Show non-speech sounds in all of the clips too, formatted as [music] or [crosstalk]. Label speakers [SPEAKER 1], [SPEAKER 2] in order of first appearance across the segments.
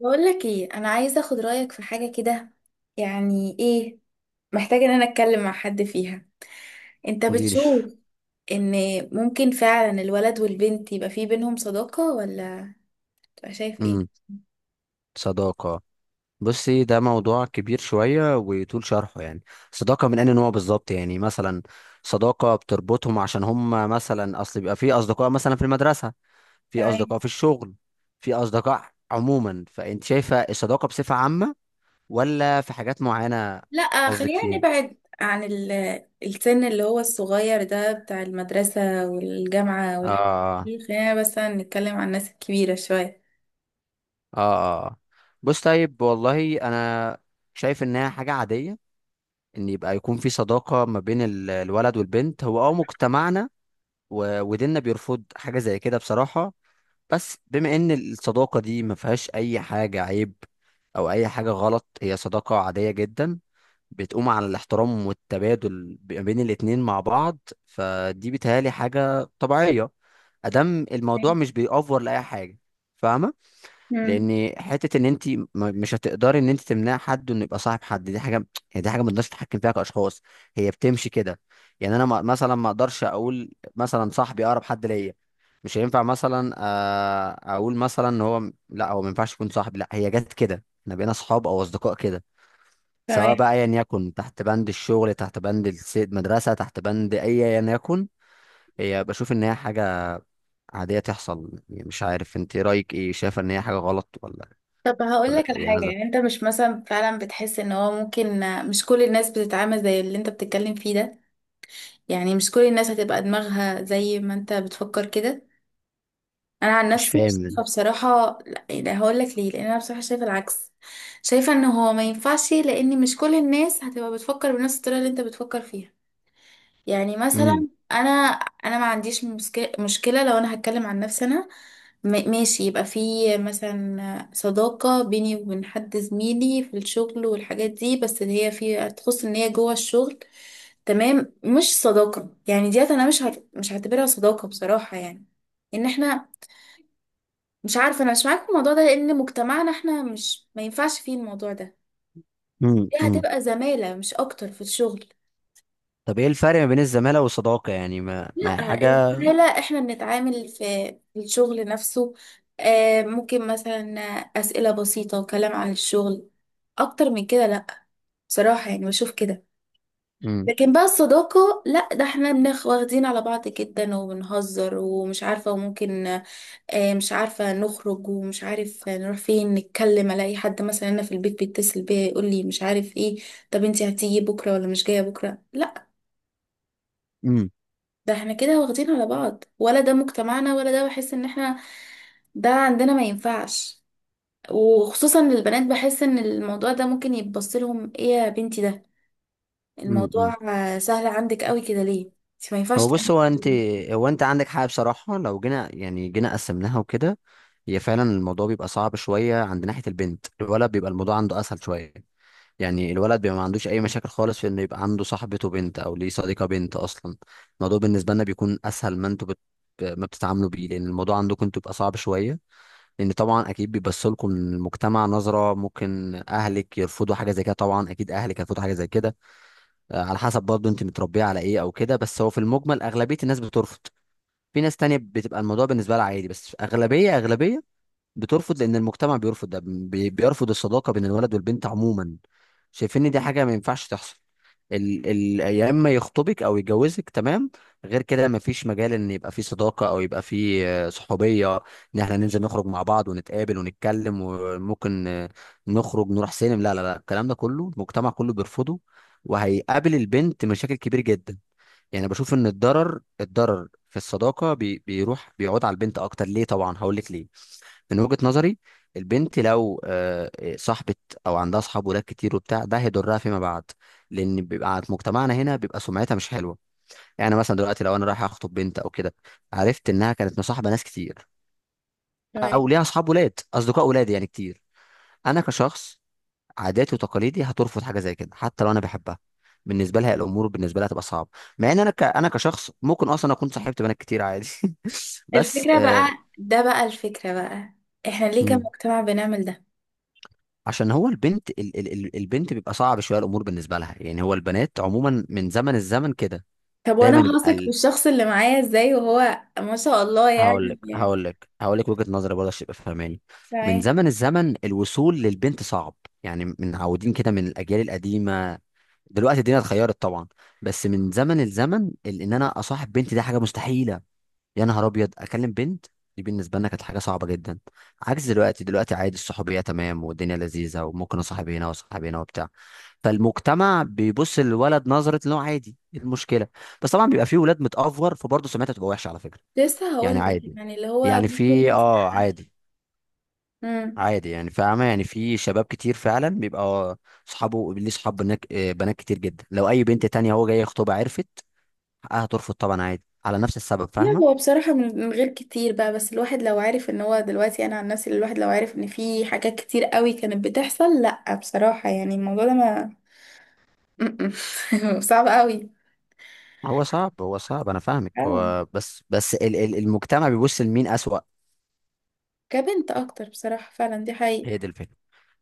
[SPEAKER 1] بقول لك ايه، انا عايزه اخد رايك في حاجه كده. يعني ايه، محتاجه ان انا اتكلم مع حد فيها. انت
[SPEAKER 2] قولي لي.
[SPEAKER 1] بتشوف ان ممكن فعلا الولد والبنت يبقى في بينهم صداقه ولا تبقى شايف ايه؟
[SPEAKER 2] امم صداقة. بصي، ده موضوع كبير شوية ويطول شرحه يعني. صداقة من أي نوع بالظبط؟ يعني مثلا صداقة بتربطهم عشان هم مثلا أصل بيبقى في أصدقاء مثلا في المدرسة، في
[SPEAKER 1] تمام.
[SPEAKER 2] أصدقاء في الشغل، في أصدقاء عموما. فأنت شايفة الصداقة بصفة عامة ولا في حاجات معينة؟
[SPEAKER 1] لا
[SPEAKER 2] قصدك
[SPEAKER 1] خلينا
[SPEAKER 2] فيها؟
[SPEAKER 1] نبعد عن السن اللي هو الصغير ده بتاع المدرسه والجامعه
[SPEAKER 2] آه
[SPEAKER 1] والحاجات
[SPEAKER 2] آه.
[SPEAKER 1] دي، خلينا بس نتكلم عن الناس الكبيره شويه.
[SPEAKER 2] آه آه. بص، طيب، والله أنا شايف إنها حاجة عادية ان يبقى يكون في صداقة ما بين الولد والبنت. هو مجتمعنا وديننا بيرفض حاجة زي كده بصراحة، بس بما ان الصداقة دي ما فيهاش اي حاجة عيب او اي حاجة غلط، هي صداقة عادية جدا، بتقوم على الاحترام والتبادل ما بين الاتنين مع بعض. فدي بيتهيألي حاجة طبيعية ادام الموضوع
[SPEAKER 1] تمام.
[SPEAKER 2] مش بيأفور لأي حاجة. فاهمة؟
[SPEAKER 1] مم.
[SPEAKER 2] لان حته ان انت مش هتقدري ان انت تمنع حد انه يبقى صاحب حد، دي حاجه يعني، دي حاجه ما نقدرش نتحكم فيها كاشخاص، هي بتمشي كده. يعني انا مثلا ما اقدرش اقول مثلا صاحبي اقرب حد ليا مش هينفع، مثلا اقول مثلا ان هو لا، هو ما ينفعش يكون صاحبي، لا، هي جت كده، احنا بقينا اصحاب او اصدقاء كده. سواء
[SPEAKER 1] تمام.
[SPEAKER 2] بقى ايا يكن، تحت بند الشغل، تحت بند المدرسه، تحت بند اي ايا يكن، هي بشوف ان هي حاجه عاديه تحصل. يعني مش عارف انت رايك ايه، شايفه ان هي حاجه غلط ولا
[SPEAKER 1] طب هقول
[SPEAKER 2] ولا
[SPEAKER 1] لك على حاجة،
[SPEAKER 2] يعني؟
[SPEAKER 1] يعني انت مش مثلا فعلا بتحس ان هو ممكن مش كل الناس بتتعامل زي اللي انت بتتكلم فيه ده؟ يعني مش كل الناس هتبقى دماغها زي ما انت بتفكر كده. انا عن
[SPEAKER 2] مش
[SPEAKER 1] نفسي شايفة
[SPEAKER 2] فاهم.
[SPEAKER 1] بصراحة لا، يعني هقول لك ليه، لان انا بصراحة شايفة العكس. شايفة ان هو ما ينفعش لان مش كل الناس هتبقى بتفكر بنفس الطريقة اللي انت بتفكر فيها. يعني
[SPEAKER 2] امم
[SPEAKER 1] مثلا انا ما عنديش مشكله لو انا هتكلم عن نفسي. انا ماشي، يبقى في مثلا صداقه بيني وبين حد زميلي في الشغل والحاجات دي، بس اللي هي في تخص ان هي جوه الشغل. تمام، مش صداقه يعني ديت، انا مش هعتبرها صداقه بصراحه يعني. ان احنا مش عارفه، انا مش معاك في الموضوع ده، لان مجتمعنا احنا مش ما ينفعش فيه الموضوع ده.
[SPEAKER 2] امم
[SPEAKER 1] دي
[SPEAKER 2] امم
[SPEAKER 1] هتبقى زماله مش اكتر في الشغل.
[SPEAKER 2] طب ايه الفرق ما بين الزمالة والصداقة يعني، ما
[SPEAKER 1] لا
[SPEAKER 2] حاجة؟
[SPEAKER 1] الزمالة احنا بنتعامل في الشغل نفسه. ممكن مثلا أسئلة بسيطة وكلام عن الشغل، أكتر من كده لا، بصراحة يعني بشوف كده.
[SPEAKER 2] امم
[SPEAKER 1] لكن بقى الصداقة لا، ده احنا واخدين على بعض جدا وبنهزر ومش عارفة وممكن مش عارفة نخرج ومش عارف نروح فين، نتكلم ألاقي حد مثلا أنا في البيت بيتصل بيا يقول لي مش عارف ايه، طب انتي هتيجي بكرة ولا مش جاية بكرة؟ لا
[SPEAKER 2] امم
[SPEAKER 1] ده احنا كده واخدين على بعض، ولا ده مجتمعنا، ولا ده بحس ان احنا ده عندنا ما ينفعش. وخصوصا للبنات، بحس ان الموضوع ده ممكن يتبص لهم ايه يا بنتي، ده
[SPEAKER 2] امم امم
[SPEAKER 1] الموضوع سهل عندك قوي كده ليه، انت ما ينفعش
[SPEAKER 2] هو بص،
[SPEAKER 1] تعملي
[SPEAKER 2] هو
[SPEAKER 1] كده
[SPEAKER 2] انت
[SPEAKER 1] ليه؟
[SPEAKER 2] هو انت عندك حق بصراحة. لو جينا يعني جينا قسمناها وكده، هي فعلا الموضوع بيبقى صعب شوية عند ناحية البنت، الولد بيبقى الموضوع عنده اسهل شوية. يعني الولد بيبقى ما عندوش اي مشاكل خالص في انه يبقى عنده صاحبته بنت او ليه صديقة بنت اصلا. الموضوع بالنسبة لنا بيكون اسهل ما انتوا ما بتتعاملوا بيه، لان الموضوع عندكم انتوا بيبقى صعب شوية، لان طبعا اكيد بيبص لكم المجتمع نظره، ممكن اهلك يرفضوا حاجه زي كده، طبعا اكيد اهلك هيرفضوا حاجه زي كده. على حسب برضه انت متربيه على ايه او كده، بس هو في المجمل اغلبيه الناس بترفض. في ناس تانية بتبقى الموضوع بالنسبه لها عادي، بس اغلبيه اغلبيه بترفض، لان المجتمع بيرفض ده، بيرفض الصداقه بين الولد والبنت عموما، شايفين ان دي حاجه ما ينفعش تحصل. ال يا اما يخطبك او يتجوزك تمام، غير كده ما فيش مجال ان يبقى في صداقه او يبقى في صحوبيه، ان احنا ننزل نخرج مع بعض ونتقابل ونتكلم، وممكن نخرج نروح سينما. لا لا لا، الكلام ده كله المجتمع كله بيرفضه، وهيقابل البنت مشاكل كبير جدا. يعني بشوف ان الضرر في الصداقه بيروح بيعود على البنت اكتر. ليه؟ طبعا هقول لك ليه، من وجهة نظري. البنت لو صاحبة او عندها اصحاب ولاد كتير وبتاع، ده هيضرها فيما بعد، لان بيبقى عند مجتمعنا هنا بيبقى سمعتها مش حلوه. يعني مثلا دلوقتي لو انا رايح اخطب بنت او كده، عرفت انها كانت مصاحبه ناس كتير
[SPEAKER 1] تمام.
[SPEAKER 2] او ليها اصحاب ولاد، اصدقاء ولاد يعني كتير، انا كشخص عاداتي وتقاليدي هترفض حاجه زي كده حتى لو انا بحبها. بالنسبه لها الامور بالنسبه لها هتبقى صعبه، مع ان انا انا كشخص ممكن اصلا اكون صاحبت بنات كتير عادي. [laughs] بس
[SPEAKER 1] الفكرة بقى احنا ليه
[SPEAKER 2] مم.
[SPEAKER 1] كمجتمع بنعمل ده؟
[SPEAKER 2] عشان هو البنت البنت بيبقى صعب شويه الامور بالنسبه لها. يعني هو البنات عموما من زمن الزمن كده
[SPEAKER 1] طب وانا
[SPEAKER 2] دايما يبقى
[SPEAKER 1] هثق بالشخص اللي معايا ازاي وهو ما شاء الله
[SPEAKER 2] هقول لك
[SPEAKER 1] يعني.
[SPEAKER 2] هقول لك هقول لك وجهه نظري برضه عشان تبقى فاهماني. من
[SPEAKER 1] تمام.
[SPEAKER 2] زمن الزمن الوصول للبنت صعب، يعني من عودين كده، من الاجيال القديمه. دلوقتي الدنيا اتغيرت طبعا، بس من زمن الزمن، ان انا اصاحب بنتي ده حاجه مستحيله، يا نهار ابيض اكلم بنت، دي بالنسبه لنا كانت حاجه صعبه جدا. عكس دلوقتي، دلوقتي عادي الصحوبيه تمام والدنيا لذيذه وممكن اصاحب هنا واصاحب هنا وبتاع. فالمجتمع بيبص للولد نظره ان هو عادي، إيه المشكله؟ بس طبعا بيبقى فيه ولاد متأفور، فبرضه سمعتها تبقى وحشه على فكره.
[SPEAKER 1] لسه هقول
[SPEAKER 2] يعني
[SPEAKER 1] لك
[SPEAKER 2] عادي،
[SPEAKER 1] يعني اللي هو
[SPEAKER 2] يعني
[SPEAKER 1] ممكن.
[SPEAKER 2] في عادي،
[SPEAKER 1] مم.
[SPEAKER 2] عادي. يعني فاهمه، يعني في شباب كتير فعلا بيبقى صحابه ليه صحاب بنات، بنات كتير جدا، لو اي بنت تانية هو جاي يخطبها عرفت، حقها ترفض طبعا، عادي، على نفس السبب.
[SPEAKER 1] لا
[SPEAKER 2] فاهمه؟
[SPEAKER 1] هو بصراحة من غير كتير بقى، بس الواحد لو عارف ان هو دلوقتي، انا عن نفسي الواحد لو عارف ان في حاجات كتير قوي كانت بتحصل لا بصراحة، يعني الموضوع ده ما... [laughs] صعب قوي.
[SPEAKER 2] هو صعب انا فاهمك،
[SPEAKER 1] اه
[SPEAKER 2] هو بس المجتمع بيبص لمين اسوأ.
[SPEAKER 1] كبنت اكتر بصراحة، فعلا دي حقيقة.
[SPEAKER 2] هي دي الفكره.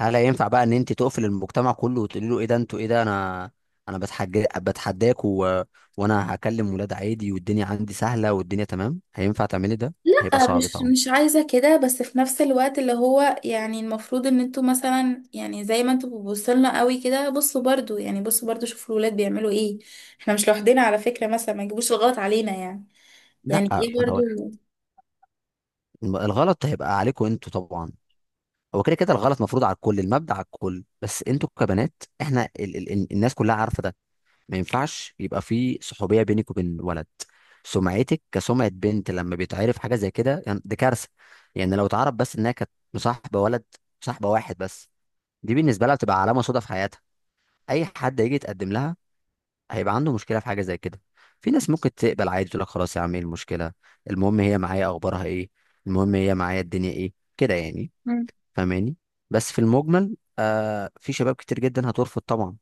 [SPEAKER 2] هل هينفع بقى ان انت تقفل المجتمع كله وتقولي له ايه ده انتوا، ايه ده انا، انا بتحج بتحداك و... وانا هكلم ولاد عادي والدنيا عندي سهله والدنيا تمام؟ هينفع تعملي ده؟ هيبقى
[SPEAKER 1] لا
[SPEAKER 2] صعب
[SPEAKER 1] مش
[SPEAKER 2] طبعا.
[SPEAKER 1] مش عايزة كده، بس في نفس الوقت اللي هو يعني المفروض ان انتوا مثلا، يعني زي ما انتوا بتبصلنا قوي كده، بصوا برضو، شوفوا الولاد بيعملوا ايه. احنا مش لوحدنا على فكرة، مثلا ما يجيبوش الغلط علينا يعني.
[SPEAKER 2] لا،
[SPEAKER 1] يعني ايه برضو.
[SPEAKER 2] هو الغلط هيبقى عليكم انتوا طبعا، هو كده كده الغلط مفروض على الكل، المبدأ على الكل، بس انتوا كبنات، احنا الناس كلها عارفه ده، ما ينفعش يبقى في صحوبيه بينك وبين ولد. سمعتك كسمعه بنت لما بيتعرف حاجه زي كده يعني دي كارثه، يعني لو اتعرف بس انها كانت مصاحبه ولد، مصاحبه واحد بس، دي بالنسبه لها بتبقى علامه سودا في حياتها. اي حد هيجي يتقدم لها هيبقى عنده مشكله في حاجه زي كده. في ناس ممكن تقبل عادي، تقول لك خلاص يا عم، ايه المشكله؟ المهم هي معايا، اخبارها ايه؟ المهم هي معايا، الدنيا ايه كده يعني. فاهماني؟ بس في المجمل آه، في شباب كتير جدا هترفض طبعا.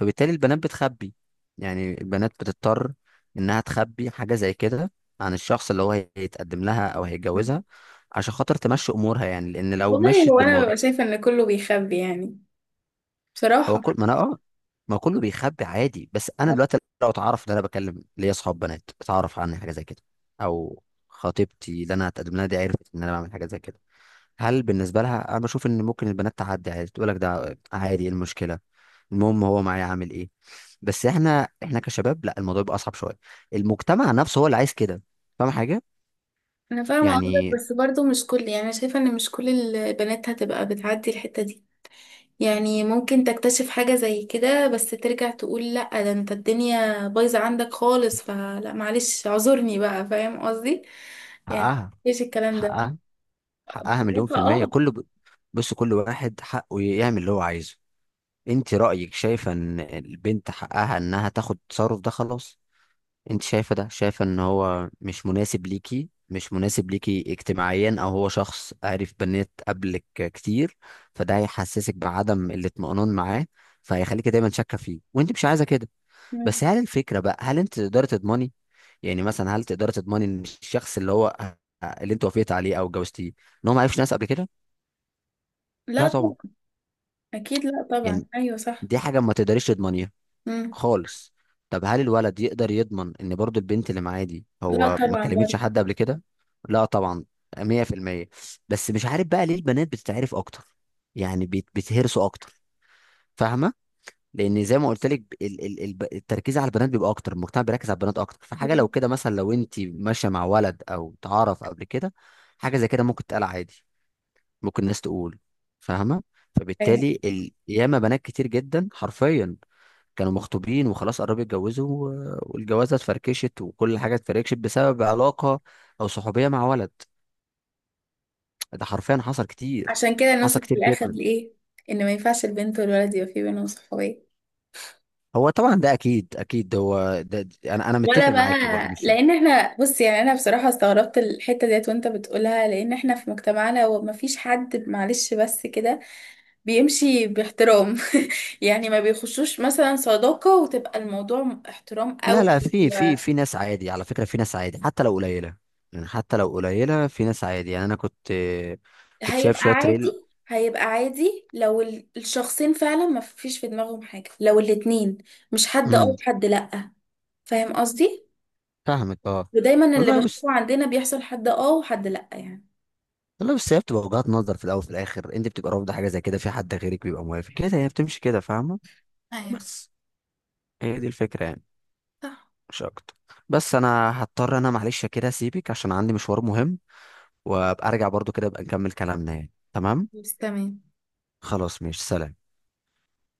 [SPEAKER 2] فبالتالي البنات بتخبي، يعني البنات بتضطر انها تخبي حاجة زي كده عن الشخص اللي هو هيتقدم لها او
[SPEAKER 1] مم.
[SPEAKER 2] هيتجوزها، عشان خاطر تمشي امورها، يعني لان لو
[SPEAKER 1] والله
[SPEAKER 2] مشيت
[SPEAKER 1] هو انا
[SPEAKER 2] بالموضوع.
[SPEAKER 1] ببقى شايفه ان كله بيخبي يعني،
[SPEAKER 2] هو
[SPEAKER 1] بصراحه.
[SPEAKER 2] كل ما انا ما كله بيخبي عادي، بس انا دلوقتي لو اتعرف ان انا بكلم ليا اصحاب بنات، اتعرف عني حاجة زي كده، او خطيبتي اللي انا هتقدم لها دي عرفت ان انا بعمل حاجة زي كده، هل بالنسبه لها انا بشوف ان ممكن البنات تعدي عادي، تقول لك ده عادي، إيه المشكله؟ المهم هو معايا عامل ايه. بس احنا، كشباب لا، الموضوع بيبقى اصعب شويه، المجتمع نفسه هو اللي عايز كده. فاهم حاجه؟
[SPEAKER 1] انا فاهمه قصدك،
[SPEAKER 2] يعني
[SPEAKER 1] بس برضو مش كل يعني، أنا شايفه ان مش كل البنات هتبقى بتعدي الحته دي. يعني ممكن تكتشف حاجه زي كده بس ترجع تقول لا ده انت الدنيا بايظه عندك خالص فلا معلش، اعذرني بقى، فاهم قصدي يعني؟
[SPEAKER 2] حقها
[SPEAKER 1] ايش الكلام ده؟
[SPEAKER 2] حقها حقها
[SPEAKER 1] لا،
[SPEAKER 2] مليون في الميه.
[SPEAKER 1] اه.
[SPEAKER 2] بص، كل واحد حقه يعمل اللي هو عايزه. انت رايك شايفه ان البنت حقها انها تاخد التصرف ده، خلاص. انت شايفه، ده شايفه ان هو مش مناسب ليكي، مش مناسب ليكي اجتماعيا، او هو شخص عارف بنات قبلك كتير، فده هيحسسك بعدم الاطمئنان معاه، فهيخليكي دايما شاكه فيه وانت مش عايزه كده.
[SPEAKER 1] مم.
[SPEAKER 2] بس هل الفكره بقى، هل انت تقدري تضمني، يعني مثلا هل تقدري تضمني ان الشخص اللي هو اللي انت وافقت عليه او اتجوزتيه ان هو ما عرفش ناس قبل كده؟
[SPEAKER 1] لا
[SPEAKER 2] لا طبعا.
[SPEAKER 1] طبعا. اكيد لا طبعا،
[SPEAKER 2] يعني
[SPEAKER 1] ايوه صح.
[SPEAKER 2] دي حاجه ما تقدريش تضمنيها
[SPEAKER 1] مم.
[SPEAKER 2] خالص. طب هل الولد يقدر يضمن ان برضو البنت اللي معاه دي
[SPEAKER 1] لا
[SPEAKER 2] هو ما
[SPEAKER 1] طبعا
[SPEAKER 2] كلمتش
[SPEAKER 1] برضو.
[SPEAKER 2] حد قبل كده؟ لا طبعا. 100%. بس مش عارف بقى ليه البنات بتتعرف اكتر، يعني بيتهرسوا اكتر. فاهمه؟ لان زي ما قلت لك، التركيز على البنات بيبقى اكتر، المجتمع بيركز على البنات اكتر. فحاجه لو
[SPEAKER 1] مم.
[SPEAKER 2] كده مثلا، لو انت ماشيه مع ولد او تعرف قبل كده حاجه زي كده ممكن تتقال عادي، ممكن الناس تقول. فاهمه؟
[SPEAKER 1] أيوة.
[SPEAKER 2] فبالتالي ياما بنات كتير جدا حرفيا كانوا مخطوبين وخلاص قربوا يتجوزوا والجوازه اتفركشت، وكل حاجه اتفركشت بسبب علاقه او صحوبيه مع ولد. ده حرفيا حصل كتير،
[SPEAKER 1] عشان كده
[SPEAKER 2] حصل
[SPEAKER 1] نوصل في
[SPEAKER 2] كتير
[SPEAKER 1] الاخر
[SPEAKER 2] جدا.
[SPEAKER 1] لايه، ان ما ينفعش البنت والولد يبقى في بينهم صحوبيه
[SPEAKER 2] هو طبعا ده اكيد اكيد هو ده. انا
[SPEAKER 1] ولا
[SPEAKER 2] متفق
[SPEAKER 1] بقى؟
[SPEAKER 2] معاكي برضو، مش
[SPEAKER 1] لان احنا بص يعني، انا بصراحه استغربت الحته ديت وانت بتقولها، لان احنا في مجتمعنا وما فيش حد، معلش بس كده، بيمشي باحترام. [laughs] يعني ما بيخشوش مثلا صداقه وتبقى الموضوع احترام
[SPEAKER 2] لا
[SPEAKER 1] قوي.
[SPEAKER 2] لا. في في ناس عادي على فكره، في ناس عادي حتى لو قليله، يعني حتى لو قليله في ناس عادي. يعني انا كنت شايف
[SPEAKER 1] وهيبقى
[SPEAKER 2] شويه ريل.
[SPEAKER 1] عادي هيبقى عادي لو الشخصين فعلا ما فيش في دماغهم حاجه، لو الاتنين مش حد اه
[SPEAKER 2] امم
[SPEAKER 1] وحد لأ، فاهم قصدي؟
[SPEAKER 2] فاهمك. اه
[SPEAKER 1] ودايما اللي
[SPEAKER 2] والله بس
[SPEAKER 1] بشوفه عندنا بيحصل حد اه وحد لأ يعني.
[SPEAKER 2] والله بس هي بتبقى وجهات نظر في الاول وفي الاخر، انت بتبقى رافضه حاجه زي كده، في حد غيرك بيبقى موافق كده، هي بتمشي كده. فاهمه؟
[SPEAKER 1] ايوه
[SPEAKER 2] بس هي دي الفكرة يعني،
[SPEAKER 1] صح.
[SPEAKER 2] مش اكتر. بس انا هضطر انا معلش كده اسيبك عشان عندي مشوار مهم، وابقى ارجع برضو كده ابقى نكمل كلامنا يعني، تمام؟
[SPEAKER 1] بس تمام.
[SPEAKER 2] خلاص ماشي، سلام.